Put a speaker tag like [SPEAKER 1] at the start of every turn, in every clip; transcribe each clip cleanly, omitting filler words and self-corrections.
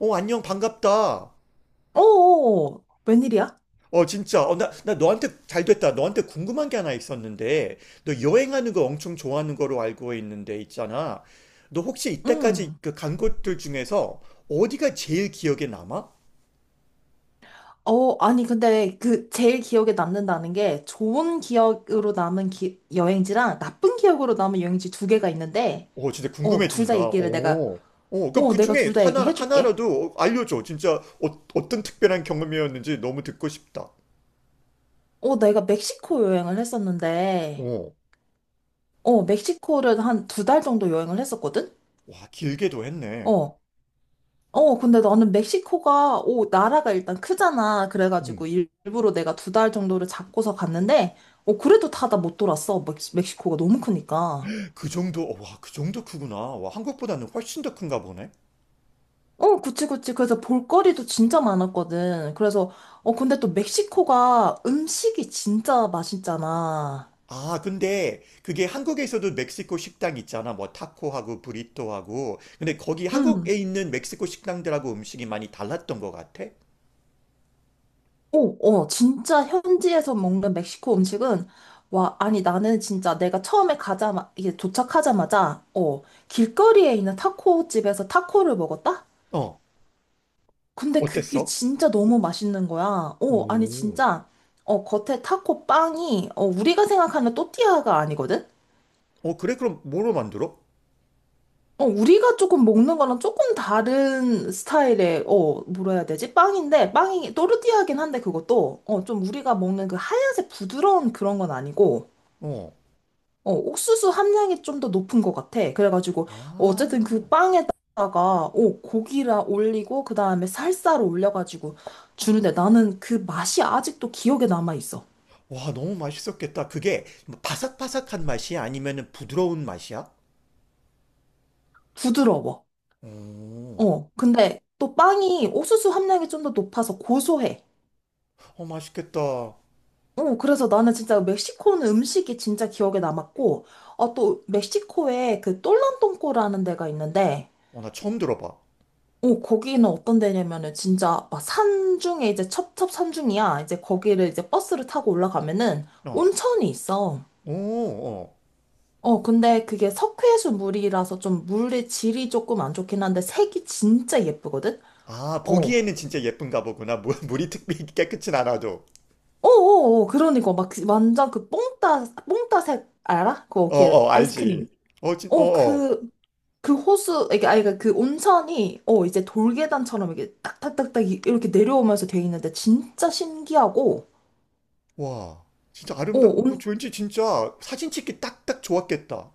[SPEAKER 1] 어, 안녕, 반갑다.
[SPEAKER 2] 오, 웬일이야?
[SPEAKER 1] 어, 진짜. 어, 나 너한테 잘 됐다. 너한테 궁금한 게 하나 있었는데, 너 여행하는 거 엄청 좋아하는 거로 알고 있는데, 있잖아. 너 혹시 이때까지
[SPEAKER 2] 음.
[SPEAKER 1] 그 간 곳들 중에서 어디가 제일 기억에 남아?
[SPEAKER 2] 아니, 근데 그 제일 기억에 남는다는 게 좋은 기억으로 남은 여행지랑 나쁜 기억으로 남은 여행지 두 개가 있는데,
[SPEAKER 1] 어, 진짜
[SPEAKER 2] 둘
[SPEAKER 1] 궁금해진다.
[SPEAKER 2] 다 얘기를 내가,
[SPEAKER 1] 어. 어, 그럼 그
[SPEAKER 2] 내가
[SPEAKER 1] 중에
[SPEAKER 2] 둘 다
[SPEAKER 1] 하나,
[SPEAKER 2] 얘기해줄게.
[SPEAKER 1] 하나라도 알려줘. 진짜 어떤 특별한 경험이었는지 너무 듣고 싶다.
[SPEAKER 2] 내가 멕시코 여행을 했었는데,
[SPEAKER 1] 어.
[SPEAKER 2] 멕시코를 한 2달 정도 여행을 했었거든?
[SPEAKER 1] 와, 길게도 했네.
[SPEAKER 2] 어, 어, 근데 나는 멕시코가, 나라가 일단 크잖아.
[SPEAKER 1] 음.
[SPEAKER 2] 그래가지고 일부러 내가 2달 정도를 잡고서 갔는데, 그래도 다 못 돌았어. 멕시코가 너무 크니까.
[SPEAKER 1] 그 정도, 어, 와, 그 정도 크구나. 와, 한국보다는 훨씬 더 큰가 보네.
[SPEAKER 2] 그치, 그치. 그래서 볼거리도 진짜 많았거든. 그래서, 근데 또 멕시코가 음식이 진짜 맛있잖아.
[SPEAKER 1] 아, 근데 그게 한국에서도 멕시코 식당 있잖아. 뭐 타코하고 브리또하고. 근데 거기
[SPEAKER 2] 음.
[SPEAKER 1] 한국에 있는 멕시코 식당들하고 음식이 많이 달랐던 것 같아?
[SPEAKER 2] 오, 진짜 현지에서 먹는 멕시코 음식은, 와, 아니, 나는 진짜 내가 처음에 이게 도착하자마자, 길거리에 있는 타코 집에서 타코를 먹었다?
[SPEAKER 1] 어,
[SPEAKER 2] 근데 그게
[SPEAKER 1] 어땠어?
[SPEAKER 2] 진짜 너무 맛있는 거야. 아니
[SPEAKER 1] 오,
[SPEAKER 2] 진짜 겉에 타코 빵이 우리가 생각하는 또띠아가 아니거든?
[SPEAKER 1] 어, 그래? 그럼 뭐로 만들어?
[SPEAKER 2] 우리가 조금 먹는 거랑 조금 다른 스타일의 뭐라 해야 되지? 빵인데 빵이 또르띠아긴 한데 그것도 좀 우리가 먹는 그 하얀색 부드러운 그런 건 아니고
[SPEAKER 1] 어.
[SPEAKER 2] 옥수수 함량이 좀 더 높은 것 같아. 그래가지고,
[SPEAKER 1] 아,
[SPEAKER 2] 어쨌든 그 빵에다가, 고기라 올리고, 그 다음에 살사를 올려가지고 주는데 나는 그 맛이 아직도 기억에 남아있어.
[SPEAKER 1] 와, 너무 맛있었겠다. 그게 뭐 바삭바삭한 맛이야? 아니면은 부드러운 맛이야?
[SPEAKER 2] 부드러워.
[SPEAKER 1] 오,
[SPEAKER 2] 근데 또 빵이 옥수수 함량이 좀 더 높아서 고소해.
[SPEAKER 1] 어, 맛있겠다. 어,
[SPEAKER 2] 그래서 나는 진짜 멕시코는 음식이 진짜 기억에 남았고, 또 멕시코에 그 똘란똥꼬라는 데가 있는데,
[SPEAKER 1] 나 처음 들어봐.
[SPEAKER 2] 거기는 어떤 데냐면은 진짜 막 산중에 이제 첩첩 산중이야. 이제 거기를 이제 버스를 타고 올라가면은
[SPEAKER 1] 어,
[SPEAKER 2] 온천이 있어.
[SPEAKER 1] 오, 어.
[SPEAKER 2] 근데 그게 석회수 물이라서 좀 물의 질이 조금 안 좋긴 한데 색이 진짜 예쁘거든?
[SPEAKER 1] 아,
[SPEAKER 2] 어.
[SPEAKER 1] 보기에는 진짜 예쁜가 보구나. 물이 특별히 깨끗진 않아도.
[SPEAKER 2] 그러니까 막그 완전 그 뽕따색 알아? 그거
[SPEAKER 1] 어,
[SPEAKER 2] 이렇게
[SPEAKER 1] 어,
[SPEAKER 2] 아이스크림.
[SPEAKER 1] 알지. 어, 어,
[SPEAKER 2] 어,
[SPEAKER 1] 어.
[SPEAKER 2] 그, 그 호수, 이게, 아니, 그그 온천이, 이제 돌계단처럼 이게 딱딱딱딱 이렇게 내려오면서 돼 있는데 진짜 신기하고,
[SPEAKER 1] 와,
[SPEAKER 2] 어,
[SPEAKER 1] 왠지 진짜 사진 찍기 딱딱 좋았겠다.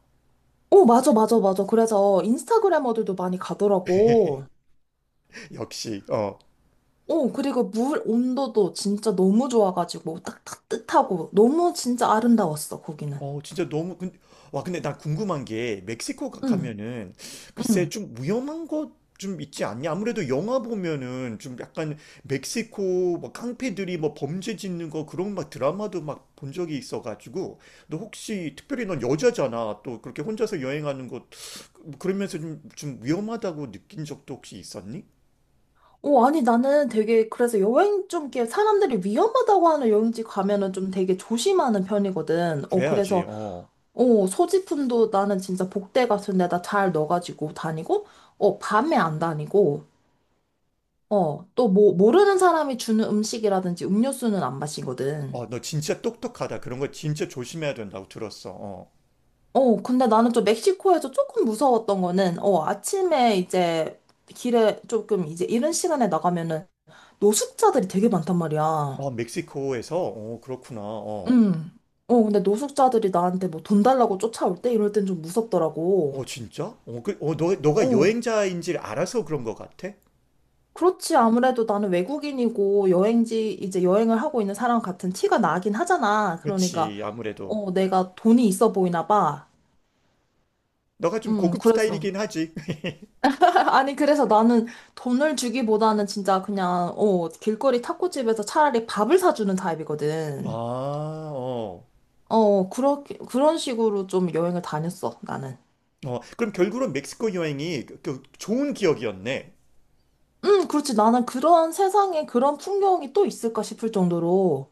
[SPEAKER 2] 어, 맞아, 맞아, 맞아. 그래서 인스타그래머들도 많이 가더라고.
[SPEAKER 1] 역시, 어.
[SPEAKER 2] 그리고 물 온도도 진짜 너무 좋아가지고 딱 따뜻하고 너무 진짜 아름다웠어, 거기는.
[SPEAKER 1] 어, 진짜 너무, 근 와, 근데 나 궁금한 게, 멕시코
[SPEAKER 2] 응,
[SPEAKER 1] 가면은, 글쎄,
[SPEAKER 2] 응.
[SPEAKER 1] 좀 위험한 것 좀 있지 않냐? 아무래도 영화 보면은, 좀 약간, 멕시코, 뭐, 깡패들이 뭐, 범죄 짓는 거, 그런 막 드라마도 막 본 적이 있어가지고, 너 혹시, 특별히 넌 여자잖아. 또, 그렇게 혼자서 여행하는 것, 그러면서 좀, 좀 위험하다고 느낀 적도 혹시 있었니?
[SPEAKER 2] 아니, 나는 되게 그래서 여행 좀 이렇게 사람들이 위험하다고 하는 여행지 가면은 좀 되게 조심하는 편이거든.
[SPEAKER 1] 그래야지,
[SPEAKER 2] 그래서
[SPEAKER 1] 어.
[SPEAKER 2] 소지품도 나는 진짜 복대 같은 데다 잘 넣어가지고 다니고, 밤에 안 다니고, 또 뭐, 모르는 사람이 주는 음식이라든지 음료수는 안 마시거든.
[SPEAKER 1] 어, 너 진짜 똑똑하다. 그런 거 진짜 조심해야 된다고 들었어, 어.
[SPEAKER 2] 근데 나는 좀 멕시코에서 조금 무서웠던 거는, 아침에 이제 길에 조금 이제 이른 시간에 나가면은 노숙자들이 되게 많단 말이야.
[SPEAKER 1] 어, 멕시코에서? 어, 그렇구나, 어.
[SPEAKER 2] 음. 근데 노숙자들이 나한테 뭐 돈 달라고 쫓아올 때 이럴 땐 좀 무섭더라고.
[SPEAKER 1] 어, 진짜? 너가
[SPEAKER 2] 어.
[SPEAKER 1] 여행자인지를 알아서 그런 것 같아?
[SPEAKER 2] 그렇지. 아무래도 나는 외국인이고 여행지 이제 여행을 하고 있는 사람 같은 티가 나긴 하잖아. 그러니까,
[SPEAKER 1] 그렇지, 아무래도.
[SPEAKER 2] 내가 돈이 있어 보이나 봐.
[SPEAKER 1] 너가 좀 고급
[SPEAKER 2] 그래서.
[SPEAKER 1] 스타일이긴 하지.
[SPEAKER 2] 아니, 그래서 나는 돈을 주기보다는 진짜 그냥, 길거리 타코집에서 차라리 밥을 사주는
[SPEAKER 1] 아,
[SPEAKER 2] 타입이거든.
[SPEAKER 1] 어.
[SPEAKER 2] 그렇게, 그런 식으로 좀 여행을 다녔어, 나는.
[SPEAKER 1] 어, 그럼 결국은 멕시코 여행이 그 좋은 기억이었네.
[SPEAKER 2] 그렇지. 나는 그런 세상에 그런 풍경이 또 있을까 싶을 정도로,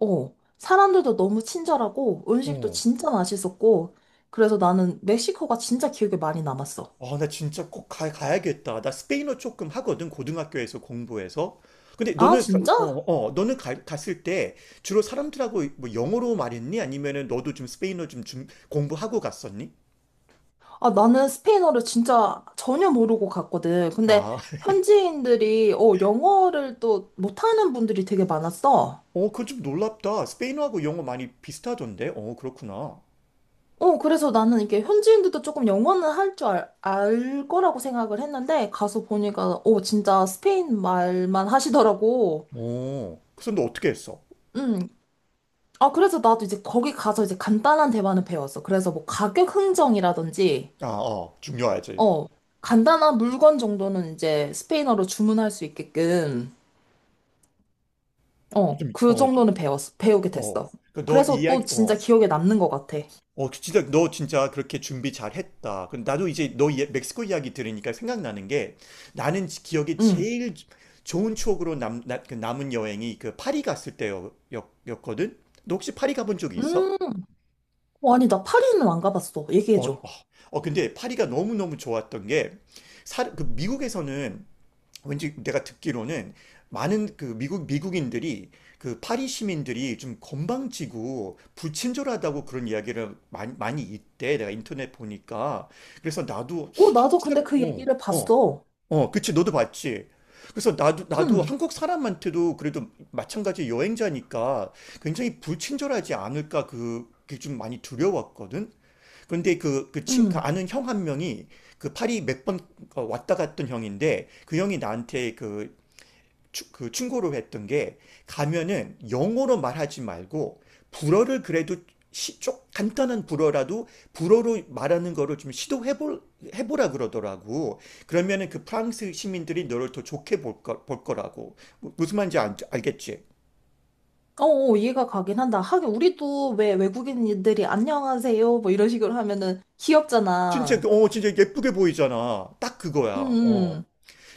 [SPEAKER 2] 사람들도 너무 친절하고, 음식도
[SPEAKER 1] 어.
[SPEAKER 2] 진짜 맛있었고, 그래서 나는 멕시코가 진짜 기억에 많이 남았어.
[SPEAKER 1] 아, 나 진짜 꼭 가야겠다. 나 스페인어 조금 하거든, 고등학교에서 공부해서. 근데
[SPEAKER 2] 아,
[SPEAKER 1] 너는,
[SPEAKER 2] 진짜?
[SPEAKER 1] 갔을 때 주로 사람들하고 뭐 영어로 말했니? 아니면은 너도 좀 스페인어 좀 공부하고 갔었니?
[SPEAKER 2] 아, 나는 스페인어를 진짜 전혀 모르고 갔거든. 근데
[SPEAKER 1] 아,
[SPEAKER 2] 현지인들이, 영어를 또 못하는 분들이 되게 많았어.
[SPEAKER 1] 어, 그건 좀 놀랍다. 스페인어하고 영어 많이 비슷하던데? 어, 그렇구나.
[SPEAKER 2] 그래서 나는 이게 현지인들도 조금 영어는 할 줄 알 거라고 생각을 했는데, 가서 보니까, 진짜 스페인 말만 하시더라고.
[SPEAKER 1] 어, 그래서 너 어떻게 했어?
[SPEAKER 2] 음. 아, 그래서 나도 이제 거기 가서 이제 간단한 대화는 배웠어. 그래서 뭐 가격 흥정이라든지,
[SPEAKER 1] 아, 어, 중요하지.
[SPEAKER 2] 어, 간단한 물건 정도는 이제 스페인어로 주문할 수 있게끔.
[SPEAKER 1] 좀,
[SPEAKER 2] 그
[SPEAKER 1] 어, 좀,
[SPEAKER 2] 정도는 배웠어. 배우게
[SPEAKER 1] 어.
[SPEAKER 2] 됐어.
[SPEAKER 1] 그 너
[SPEAKER 2] 그래서 또
[SPEAKER 1] 이야기, 어,
[SPEAKER 2] 진짜 기억에 남는 것 같아.
[SPEAKER 1] 그 진짜, 너 진짜 그렇게 준비 잘 했다. 그럼 나도 이제 너 멕시코 이야기 들으니까 생각나는 게 나는 기억에
[SPEAKER 2] 응.
[SPEAKER 1] 제일 좋은 추억으로 그 남은 여행이 그 파리 갔을 때였거든? 너 혹시 파리 가본 적이 있어?
[SPEAKER 2] 음, 어, 아니, 나 파리는 안 가봤어.
[SPEAKER 1] 어, 어,
[SPEAKER 2] 얘기해줘.
[SPEAKER 1] 근데 파리가 너무너무 좋았던 게, 그 미국에서는 왠지 내가 듣기로는 많은 그 미국인들이 그 파리 시민들이 좀 건방지고 불친절하다고 그런 이야기를 많이 많이 있대. 내가 인터넷 보니까. 그래서 나도 한국
[SPEAKER 2] 나도 근데
[SPEAKER 1] 사람
[SPEAKER 2] 그
[SPEAKER 1] 어,
[SPEAKER 2] 얘기를
[SPEAKER 1] 어,
[SPEAKER 2] 봤어.
[SPEAKER 1] 어, 그치. 너도 봤지. 그래서 나도
[SPEAKER 2] 응,
[SPEAKER 1] 한국 사람한테도 그래도 마찬가지 여행자니까 굉장히 불친절하지 않을까 그게 좀 많이 두려웠거든. 근데 그
[SPEAKER 2] 응.
[SPEAKER 1] 아는 형 한 명이 그 파리 몇번 어, 왔다 갔던 형인데 그 형이 나한테 그 충고를 했던 게 가면은 영어로 말하지 말고 불어를 그래도 좀 간단한 불어라도 불어로 말하는 거를 좀 해보라 그러더라고. 그러면은 그 프랑스 시민들이 너를 더 좋게 볼 거라고. 무슨 말인지 알겠지?
[SPEAKER 2] 어, 어, 이해가 가긴 한다. 하긴, 우리도 왜 외국인들이 안녕하세요. 뭐 이런 식으로 하면은
[SPEAKER 1] 진짜,
[SPEAKER 2] 귀엽잖아.
[SPEAKER 1] 어, 진짜 예쁘게 보이잖아. 딱
[SPEAKER 2] 응,
[SPEAKER 1] 그거야. 어.
[SPEAKER 2] 응.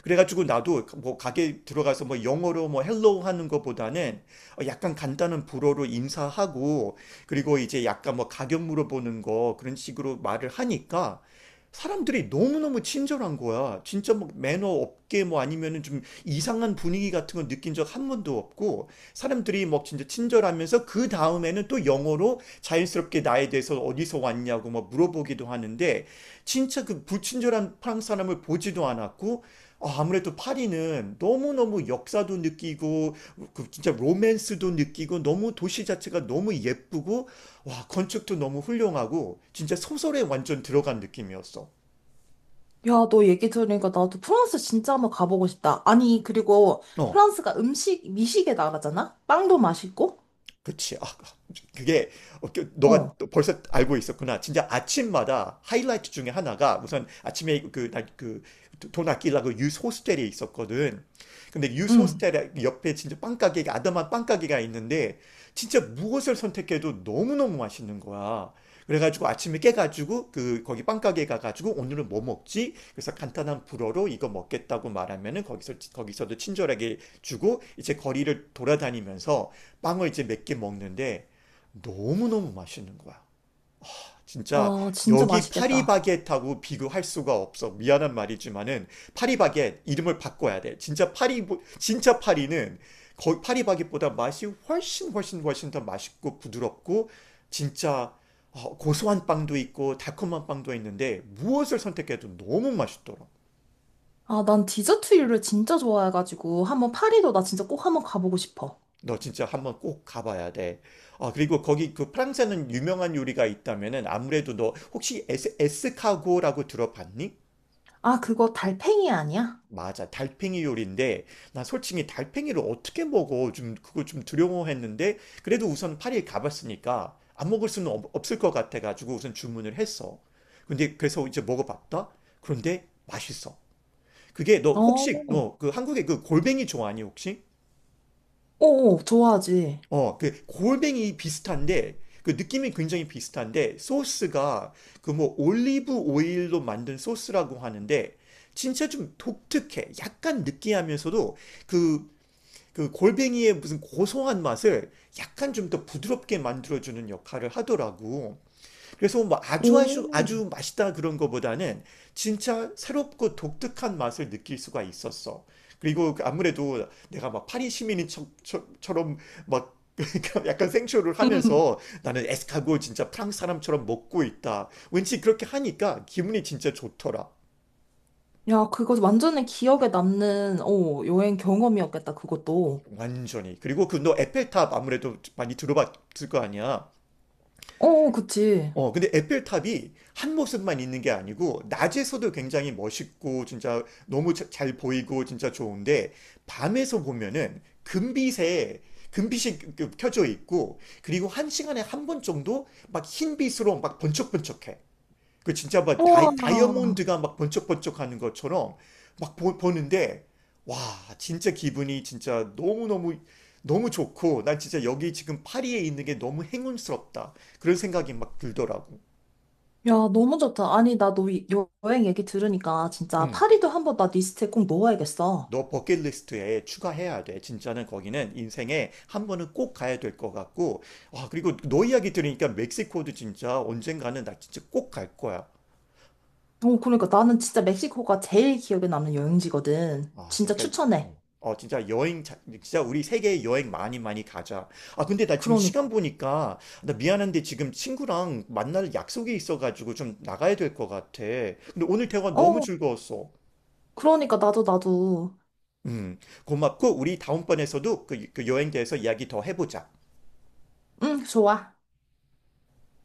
[SPEAKER 1] 그래가지고 나도 뭐 가게 들어가서 뭐 영어로 뭐 헬로우 하는 것보다는 어, 약간 간단한 불어로 인사하고 그리고 이제 약간 뭐 가격 물어보는 거 그런 식으로 말을 하니까 사람들이 너무너무 친절한 거야. 진짜 뭐 매너 없게 뭐 아니면은 좀 이상한 분위기 같은 거 느낀 적 한 번도 없고 사람들이 뭐 진짜 친절하면서 그 다음에는 또 영어로 자연스럽게 나에 대해서 어디서 왔냐고 뭐 물어보기도 하는데 진짜 그 불친절한 프랑스 사람을 보지도 않았고 아, 무래도 파리는 너무너무 역사도 느끼고, 그 진짜 로맨스도 느끼고, 너무 도시 자체가 너무 예쁘고, 와, 건축도 너무 훌륭하고, 진짜 소설에 완전 들어간 느낌이었어.
[SPEAKER 2] 야, 너 얘기 들으니까 나도 프랑스 진짜 한번 가보고 싶다. 아니, 그리고
[SPEAKER 1] 어.
[SPEAKER 2] 프랑스가 음식, 미식의 나라잖아? 빵도 맛있고?
[SPEAKER 1] 그치. 아, 그게 너가
[SPEAKER 2] 어,
[SPEAKER 1] 벌써 알고 있었구나. 진짜 아침마다 하이라이트 중에 하나가 우선 아침에 그그돈 아끼려고 유스 호스텔에 있었거든. 근데 유스
[SPEAKER 2] 응.
[SPEAKER 1] 호스텔 옆에 진짜 빵 가게가 아담한 빵 가게가 있는데 진짜 무엇을 선택해도 너무너무 맛있는 거야. 그래가지고 아침에 깨가지고 그 거기 빵 가게 가가지고 오늘은 뭐 먹지? 그래서 간단한 불어로 이거 먹겠다고 말하면은 거기서도 친절하게 주고 이제 거리를 돌아다니면서 빵을 이제 몇 개 먹는데 너무너무 맛있는 거야. 진짜
[SPEAKER 2] 와, 진짜
[SPEAKER 1] 여기
[SPEAKER 2] 맛있겠다.
[SPEAKER 1] 파리바게트하고 비교할 수가 없어. 미안한 말이지만은 파리바게트 이름을 바꿔야 돼. 진짜 파리는 거의 파리바게트보다 맛이 훨씬 훨씬 훨씬 더 맛있고 부드럽고 진짜 어, 고소한 빵도 있고 달콤한 빵도 있는데 무엇을 선택해도 너무 맛있더라.
[SPEAKER 2] 아, 난 디저트류를 진짜 좋아해가지고 한번 파리도 나 진짜 꼭 한번 가보고 싶어.
[SPEAKER 1] 너 진짜 한번 꼭 가봐야 돼. 아, 그리고 거기 그 프랑스에는 유명한 요리가 있다면은 아무래도 너 혹시 에스카고라고 들어봤니?
[SPEAKER 2] 아, 그거 달팽이 아니야?
[SPEAKER 1] 맞아. 달팽이 요리인데 나 솔직히 달팽이를 어떻게 먹어? 좀 그거 좀 두려워했는데 그래도 우선 파리에 가봤으니까 안 먹을 수는 없을 것 같아 가지고 우선 주문을 했어. 근데 그래서 이제 먹어봤다. 그런데 맛있어. 그게 너 혹시
[SPEAKER 2] 어,
[SPEAKER 1] 너 그 한국의 그 골뱅이 좋아하니 혹시?
[SPEAKER 2] 좋아하지.
[SPEAKER 1] 어, 그 골뱅이 비슷한데 그 느낌이 굉장히 비슷한데 소스가 그 뭐 올리브 오일로 만든 소스라고 하는데 진짜 좀 독특해. 약간 느끼하면서도 그 그 골뱅이의 무슨 고소한 맛을 약간 좀 더 부드럽게 만들어주는 역할을 하더라고. 그래서 뭐 아주 아주
[SPEAKER 2] 오,
[SPEAKER 1] 아주 맛있다 그런 거보다는 진짜 새롭고 독특한 맛을 느낄 수가 있었어. 그리고 아무래도 내가 막 파리 시민인 처럼 막 약간 생쇼를
[SPEAKER 2] 음.
[SPEAKER 1] 하면서 나는 에스카고 진짜 프랑스 사람처럼 먹고 있다. 왠지 그렇게 하니까 기분이 진짜 좋더라.
[SPEAKER 2] 야, 그거 완전히 기억에 남는 여행 경험이었겠다, 그것도.
[SPEAKER 1] 완전히. 그리고 그 너 에펠탑 아무래도 많이 들어봤을 거 아니야.
[SPEAKER 2] 어, 어, 그치.
[SPEAKER 1] 어, 근데 에펠탑이 한 모습만 있는 게 아니고, 낮에서도 굉장히 멋있고, 진짜 너무 잘 보이고, 진짜 좋은데, 밤에서 보면은 금빛이 그 켜져 있고, 그리고 한 시간에 한 번 정도 막 흰빛으로 막 번쩍번쩍해. 그 진짜 막
[SPEAKER 2] 우와.
[SPEAKER 1] 다이아몬드가 막 번쩍번쩍 하는 것처럼 막 보는데, 와, 진짜 기분이 진짜 너무너무, 너무 좋고, 난 진짜 여기 지금 파리에 있는 게 너무 행운스럽다. 그런 생각이 막 들더라고.
[SPEAKER 2] 야, 너무 좋다. 아니, 나너 여행 얘기 들으니까 진짜
[SPEAKER 1] 음,
[SPEAKER 2] 파리도 한번 나 리스트에 꼭 넣어야겠어.
[SPEAKER 1] 너 버킷리스트에 추가해야 돼. 진짜는 거기는 인생에 한 번은 꼭 가야 될 것 같고. 아, 그리고 너 이야기 들으니까 멕시코도 진짜 언젠가는 나 진짜 꼭 갈 거야.
[SPEAKER 2] 그러니까 나는 진짜 멕시코가 제일 기억에 남는 여행지거든.
[SPEAKER 1] 아,
[SPEAKER 2] 진짜
[SPEAKER 1] 그러니까
[SPEAKER 2] 추천해.
[SPEAKER 1] 어, 진짜 진짜 우리 세계 여행 많이 많이 가자. 아, 근데 나 지금 시간
[SPEAKER 2] 그러니까.
[SPEAKER 1] 보니까 나 미안한데 지금 친구랑 만날 약속이 있어가지고 좀 나가야 될 것 같아. 근데 오늘 대화 너무
[SPEAKER 2] 어.
[SPEAKER 1] 즐거웠어.
[SPEAKER 2] 그러니까 나도
[SPEAKER 1] 음, 고맙고 우리 다음번에서도 그 여행 대해서 이야기 더 해보자.
[SPEAKER 2] 응, 좋아.